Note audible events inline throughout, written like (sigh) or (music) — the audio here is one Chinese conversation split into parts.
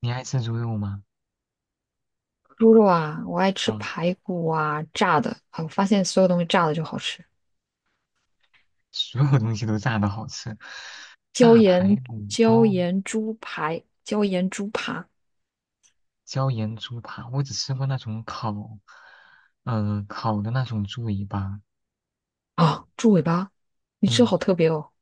你爱吃猪肉吗？猪肉啊，我爱吃啊，排骨啊，炸的啊，我发现所有东西炸的就好吃。所有东西都炸的好吃，椒炸排盐骨哦，猪排，椒盐猪扒。椒盐猪扒，我只吃过那种烤，嗯、烤的那种猪尾巴。啊，猪尾巴，你吃嗯，好特别哦。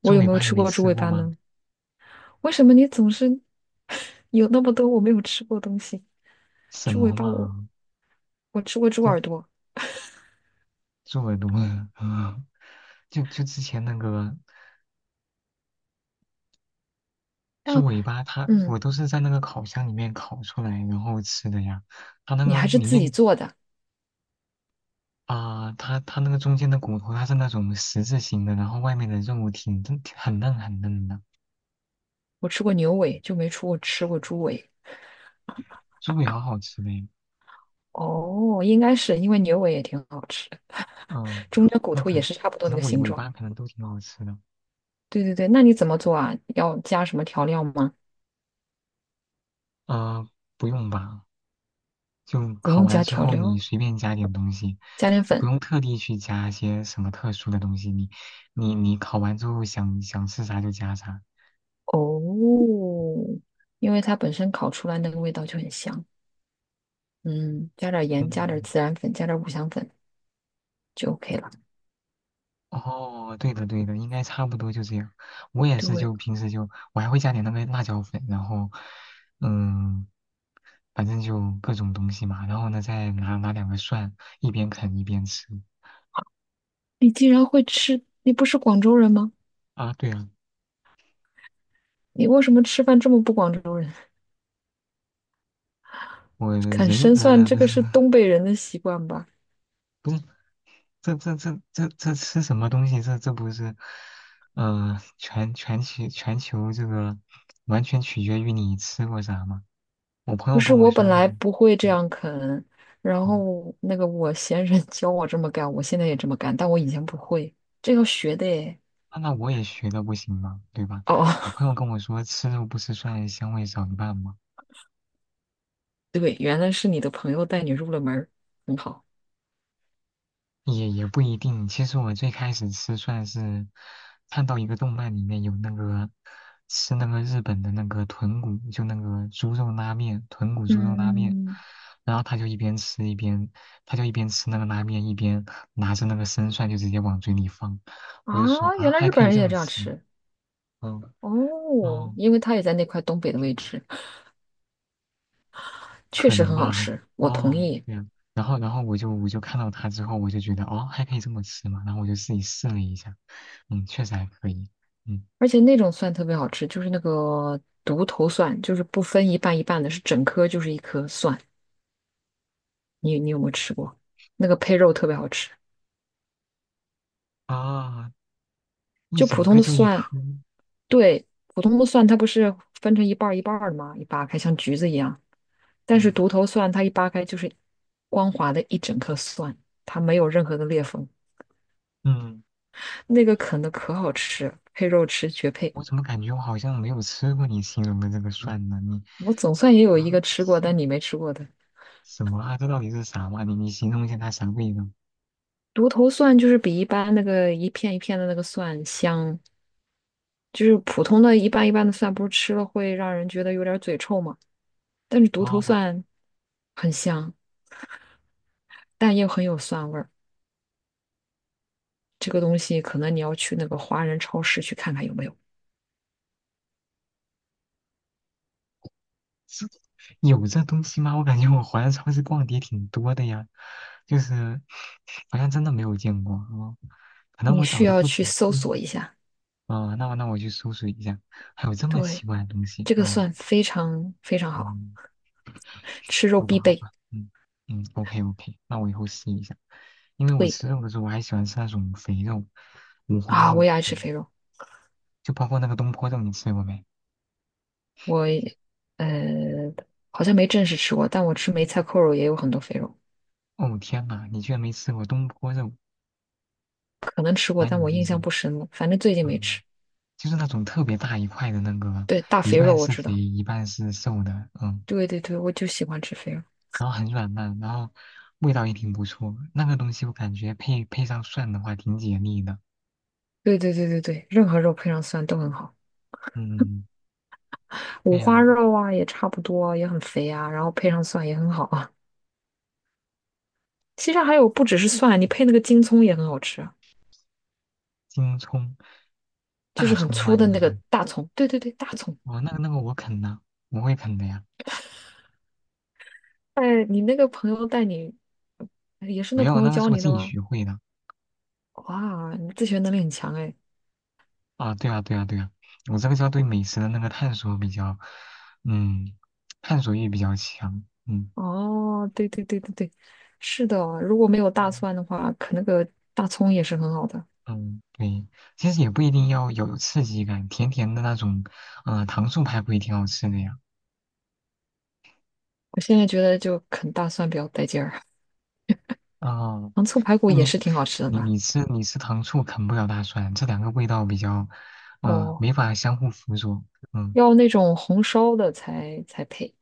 我猪有尾没有巴你吃没过猪吃尾过巴吗？呢？为什么你总是 (laughs) 有那么多我没有吃过的东西？什猪尾么巴我嘛，我吃过猪耳就朵，猪耳朵。(laughs) 嗯。就之前那个猪但尾巴它，嗯，我都是在那个烤箱里面烤出来然后吃的呀，它那你个还是里自己面做的。啊、它那个中间的骨头，它是那种十字形的，然后外面的肉挺嫩，挺很嫩很嫩的，我吃过牛尾，就没出过吃过猪尾。猪尾好好吃的呀。哦，应该是因为牛尾也挺好吃的，嗯，中间骨那头可也是差不多可那个能尾形尾状。巴可能都挺好吃的。对对对，那你怎么做啊？要加什么调料吗？呃，不用吧，就不烤用完加之调后你料，随便加点东西，加点就不粉。用特地去加一些什么特殊的东西。你烤完之后想想吃啥就加啥。哦，因为它本身烤出来那个味道就很香。嗯，加点盐，加点嗯孜然粉，加点五香粉就 OK 了。哦，对的对的，应该差不多就这样。我也是，对，就平时就我还会加点那个辣椒粉，然后嗯，反正就各种东西嘛，然后呢再拿两个蒜，一边啃一边吃。你竟然会吃，你不是广州人吗？啊，对啊，你为什么吃饭这么不广州人？我 (laughs) 啃人生蒜，这不个是是东北人的习惯吧？不是这吃什么东西？这不是全球这个完全取决于你吃过啥吗？我朋不友是，跟我我本说那个。来不会这样啃，然嗯后那个我先生 (laughs) 教我这么干，我现在也这么干，但我以前不会，这要学的诶。那我也学的不行吗？对吧？哦，我朋友 (laughs) 跟我说，吃肉不吃蒜，香味少一半嘛，对，原来是你的朋友带你入了门儿，很好。也不一定。其实我最开始吃蒜是看到一个动漫里面有那个吃那个日本的那个豚骨，就那个猪肉拉面，豚骨猪肉拉面，嗯，然后他就一边吃一边，他就一边吃那个拉面，一边拿着那个生蒜就直接往嘴里放，我就说啊，啊，原来还日可本以人这也么这样吃。吃。嗯，哦，哦。因为他也在那块东北的位置，确可实能很好吧。吃，我同哦，意。对呀。然后我就看到它之后，我就觉得哦，还可以这么吃嘛。然后我就自己试了一下，确实还可以。嗯而且那种蒜特别好吃，就是那个独头蒜，就是不分一半一半的，是整颗就是一颗蒜。你有没有吃过？那个配肉特别好吃，啊，一就普整通个的就一蒜，颗。对，普通的蒜它不是分成一半儿一半儿的吗？一扒开像橘子一样，但是嗯独头蒜它一扒开就是光滑的一整颗蒜，它没有任何的裂缝，嗯，那个啃的可好吃，配肉吃绝配。我怎么感觉我好像没有吃过你形容的这个蒜呢？你我总算也有啊，一个吃过，是但你没吃过的什么啊？这到底是啥嘛？你形容一下它啥味道？独头蒜，就是比一般那个一片一片的那个蒜香，就是普通的一瓣一瓣的蒜，不是吃了会让人觉得有点嘴臭嘛？但是独头哦 蒜很香，但又很有蒜味儿。这个东西可能你要去那个华人超市去看看有没有，(laughs) 是有这东西吗？我感觉我华人超市逛的也挺多的呀，就是好像真的没有见过哦，可能你我找需的要不去仔搜细。索一下。啊。那我去搜索一下，还有这么奇对。怪的东西。这个哦，蒜非常非常好，嗯，吃肉好吧必好备。吧，嗯嗯，OK OK，那我以后试一下。因为我对吃肉的时候，我还喜欢吃那种肥肉，五花啊，肉，我也爱吃嗯，肥肉，就包括那个东坡肉，你吃过没？我呃好像没正式吃过，但我吃梅菜扣肉也有很多肥肉，哦天呐，你居然没吃过东坡肉，可能吃过，难但以我置印象信。不深了，反正最近没吃。嗯。就是那种特别大一块的那个，对，大一肥肉半我是知肥，道。一半是瘦的，对对对，我就喜欢吃肥肉。然后很软烂，然后味道也挺不错。那个东西我感觉配上蒜的话挺解腻的。对对对对对，任何肉配上蒜都很好，嗯，还五花有肉啊也差不多，也很肥啊，然后配上蒜也很好啊。其实还有不只是蒜，你配那个京葱也很好吃啊，京葱、就大是很葱吗？粗的你是那说？个大葱。对对对，大葱。哦，那个我啃呐，我会啃的呀。哎，你那个朋友带你，哎也是没那有，朋友那个教是我你的自己吗？学会的。哇，你自学能力很强哎。啊，对啊，对啊，对啊，我这个叫对美食的那个探索比较，嗯，探索欲比较强。嗯。哦，对对对对对，是的哦，如果没有大蒜的话，啃那个大葱也是很好的。嗯，对，其实也不一定要有刺激感，甜甜的那种，糖醋排骨也挺好吃的呀。我现在觉得就啃大蒜比较带劲儿，哦，糖醋排骨那也你是挺好吃的你吧？你吃你吃糖醋啃不了大蒜，这两个味道比较，哦，没法相互辅佐。嗯，要那种红烧的才配。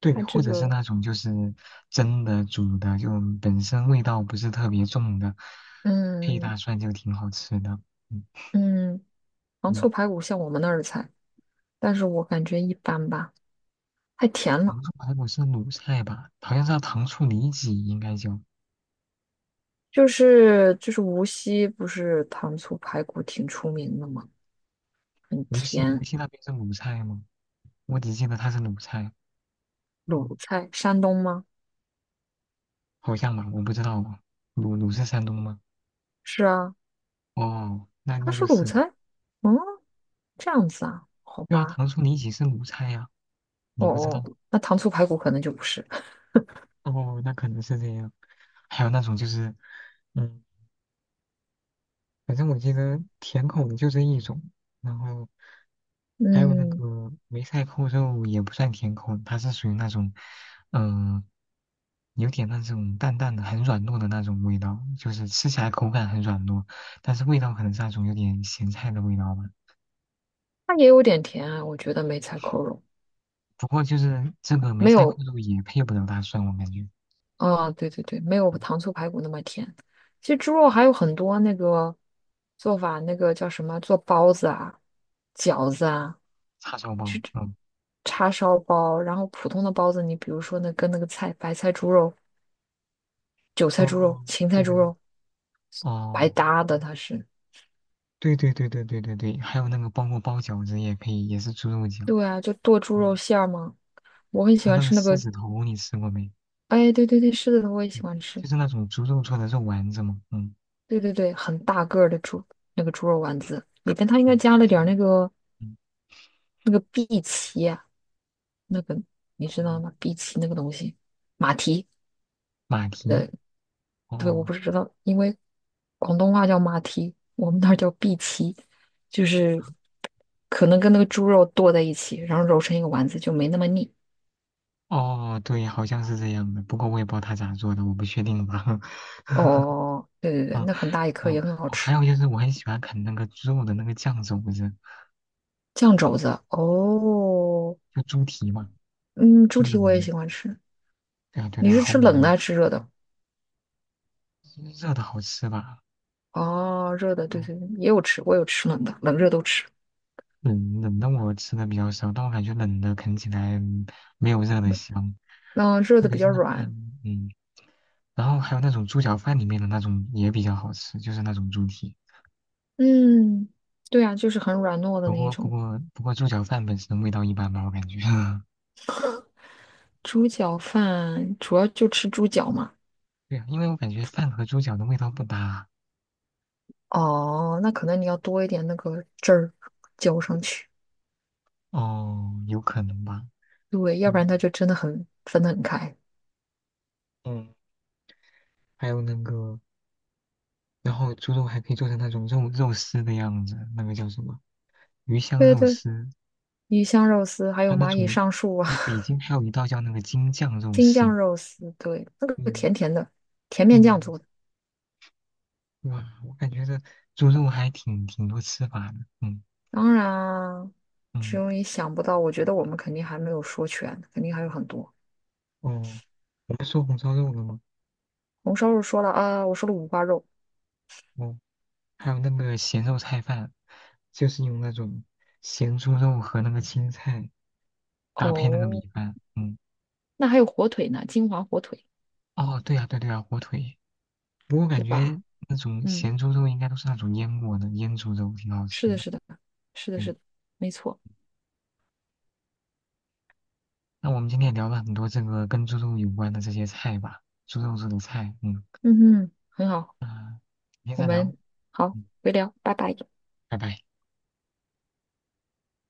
对，它这或者是个，那种就是蒸的、煮的，就本身味道不是特别重的，配嗯大蒜就挺好吃的。嗯嗯，糖嗯，醋排骨像我们那儿的菜，但是我感觉一般吧，太甜了。糖醋排骨是鲁菜吧？好像是叫糖醋里脊，应该叫。就是无锡不是糖醋排骨挺出名的吗？很无锡无甜，锡那边是鲁菜吗？我只记得它是鲁菜，鲁菜，山东吗？好像吧，我不知道哦。鲁是山东吗？是啊，哦，那它那是就鲁是，菜。嗯，这样子啊，好对啊，吧。糖醋里脊是鲁菜呀、哦你不知哦，道？那糖醋排骨可能就不是。哦，那可能是这样。还有那种就是，嗯，反正我记得甜口的就这一种，然后还有那嗯，个梅菜扣肉也不算甜口，它是属于那种，嗯、有点那种淡淡的、很软糯的那种味道，就是吃起来口感很软糯，但是味道可能是那种有点咸菜的味道吧。它也有点甜啊，我觉得梅菜扣肉不过就是这个梅没菜扣有肉也配不了大蒜，我感觉啊，对对对，没有糖醋排骨那么甜。其实猪肉还有很多那个做法，那个叫什么，做包子啊、饺子啊。叉烧包。嗯，叉烧包，然后普通的包子，你比如说那跟那个菜，白菜猪肉、韭菜猪肉、哦，芹菜对对猪对，肉白哦，搭的，它是。对对对对对对对，还有那个包括包饺子也配，也是猪肉饺。对啊，就剁猪肉嗯，馅儿嘛。我很还喜有欢那个吃那狮个，子头，你吃过没？哎，对对对，是的，我也喜对，欢吃。就是那种猪肉做的肉丸子嘛。嗯，对对对，很大个儿的猪，那个猪肉丸子里边它应该嗯，加看了起来点儿那个嗯荸荠啊，那个你知道嗯吗？荸荠那个东西，马蹄，马蹄，呃，对，哦我不知道，因为广东话叫马蹄，我们那儿叫碧蹄，就是可能跟那个猪肉剁在一起，然后揉成一个丸子，就没那么腻。哦，对，好像是这样的，不过我也不知道他咋做的，我不确定吧。(laughs) 哦，对对对，嗯那很大一颗哦，也很好哦吃。还有就是我很喜欢啃那个猪肉的那个酱肘子，酱肘子，哦，就猪蹄嘛，嗯，猪猪蹄肘我也子。喜欢吃。对啊，对你啊，是好吃美冷的味，还是吃热的？热的好吃吧？哦，热的，对嗯对对，也有吃，我有吃冷的，冷热都吃。冷冷的我吃的比较少，但我感觉冷的啃起来没有热的香，嗯，热特的比别是较那个软。然后还有那种猪脚饭里面的那种也比较好吃，就是那种猪蹄。嗯，对啊，就是很软糯的不那一过不种。过不过猪脚饭本身味道一般吧，我感觉。(laughs) 猪脚饭主要就吃猪脚嘛。对啊，因为我感觉饭和猪脚的味道不搭。哦，那可能你要多一点那个汁儿浇上去，哦，有可能吧。对，要不然它嗯就真的很分得很开。嗯，还有那个然后猪肉还可以做成那种肉丝的样子，那个叫什么鱼香对肉对，丝，鱼香肉丝还还有有那蚂蚁种，上树啊，哎，北京还有一道叫那个京酱 (laughs) 肉京丝。酱肉丝，对，那个嗯甜甜的，甜面酱嗯，做的。哇，我感觉这猪肉还挺多吃法的。嗯当然啊，只嗯有你想不到，我觉得我们肯定还没有说全，肯定还有很多。哦，我们说红烧肉了吗？红烧肉说了啊，我说了五花肉，哦，还有那个咸肉菜饭，就是用那种咸猪肉和那个青菜搭配那个米哦，饭。嗯，那还有火腿呢，金华火腿，哦，对呀、对啊对呀、火腿。不过感对觉吧？那种嗯，咸猪肉应该都是那种腌过的，腌猪肉挺好吃是的，的。是的，是的，是对，的，没错。那我们今天也聊了很多这个跟猪肉有关的这些菜吧，猪肉做的菜。嗯，嗯哼，很好。啊，明天我再聊，们好，嗯，回聊，拜拜。拜拜。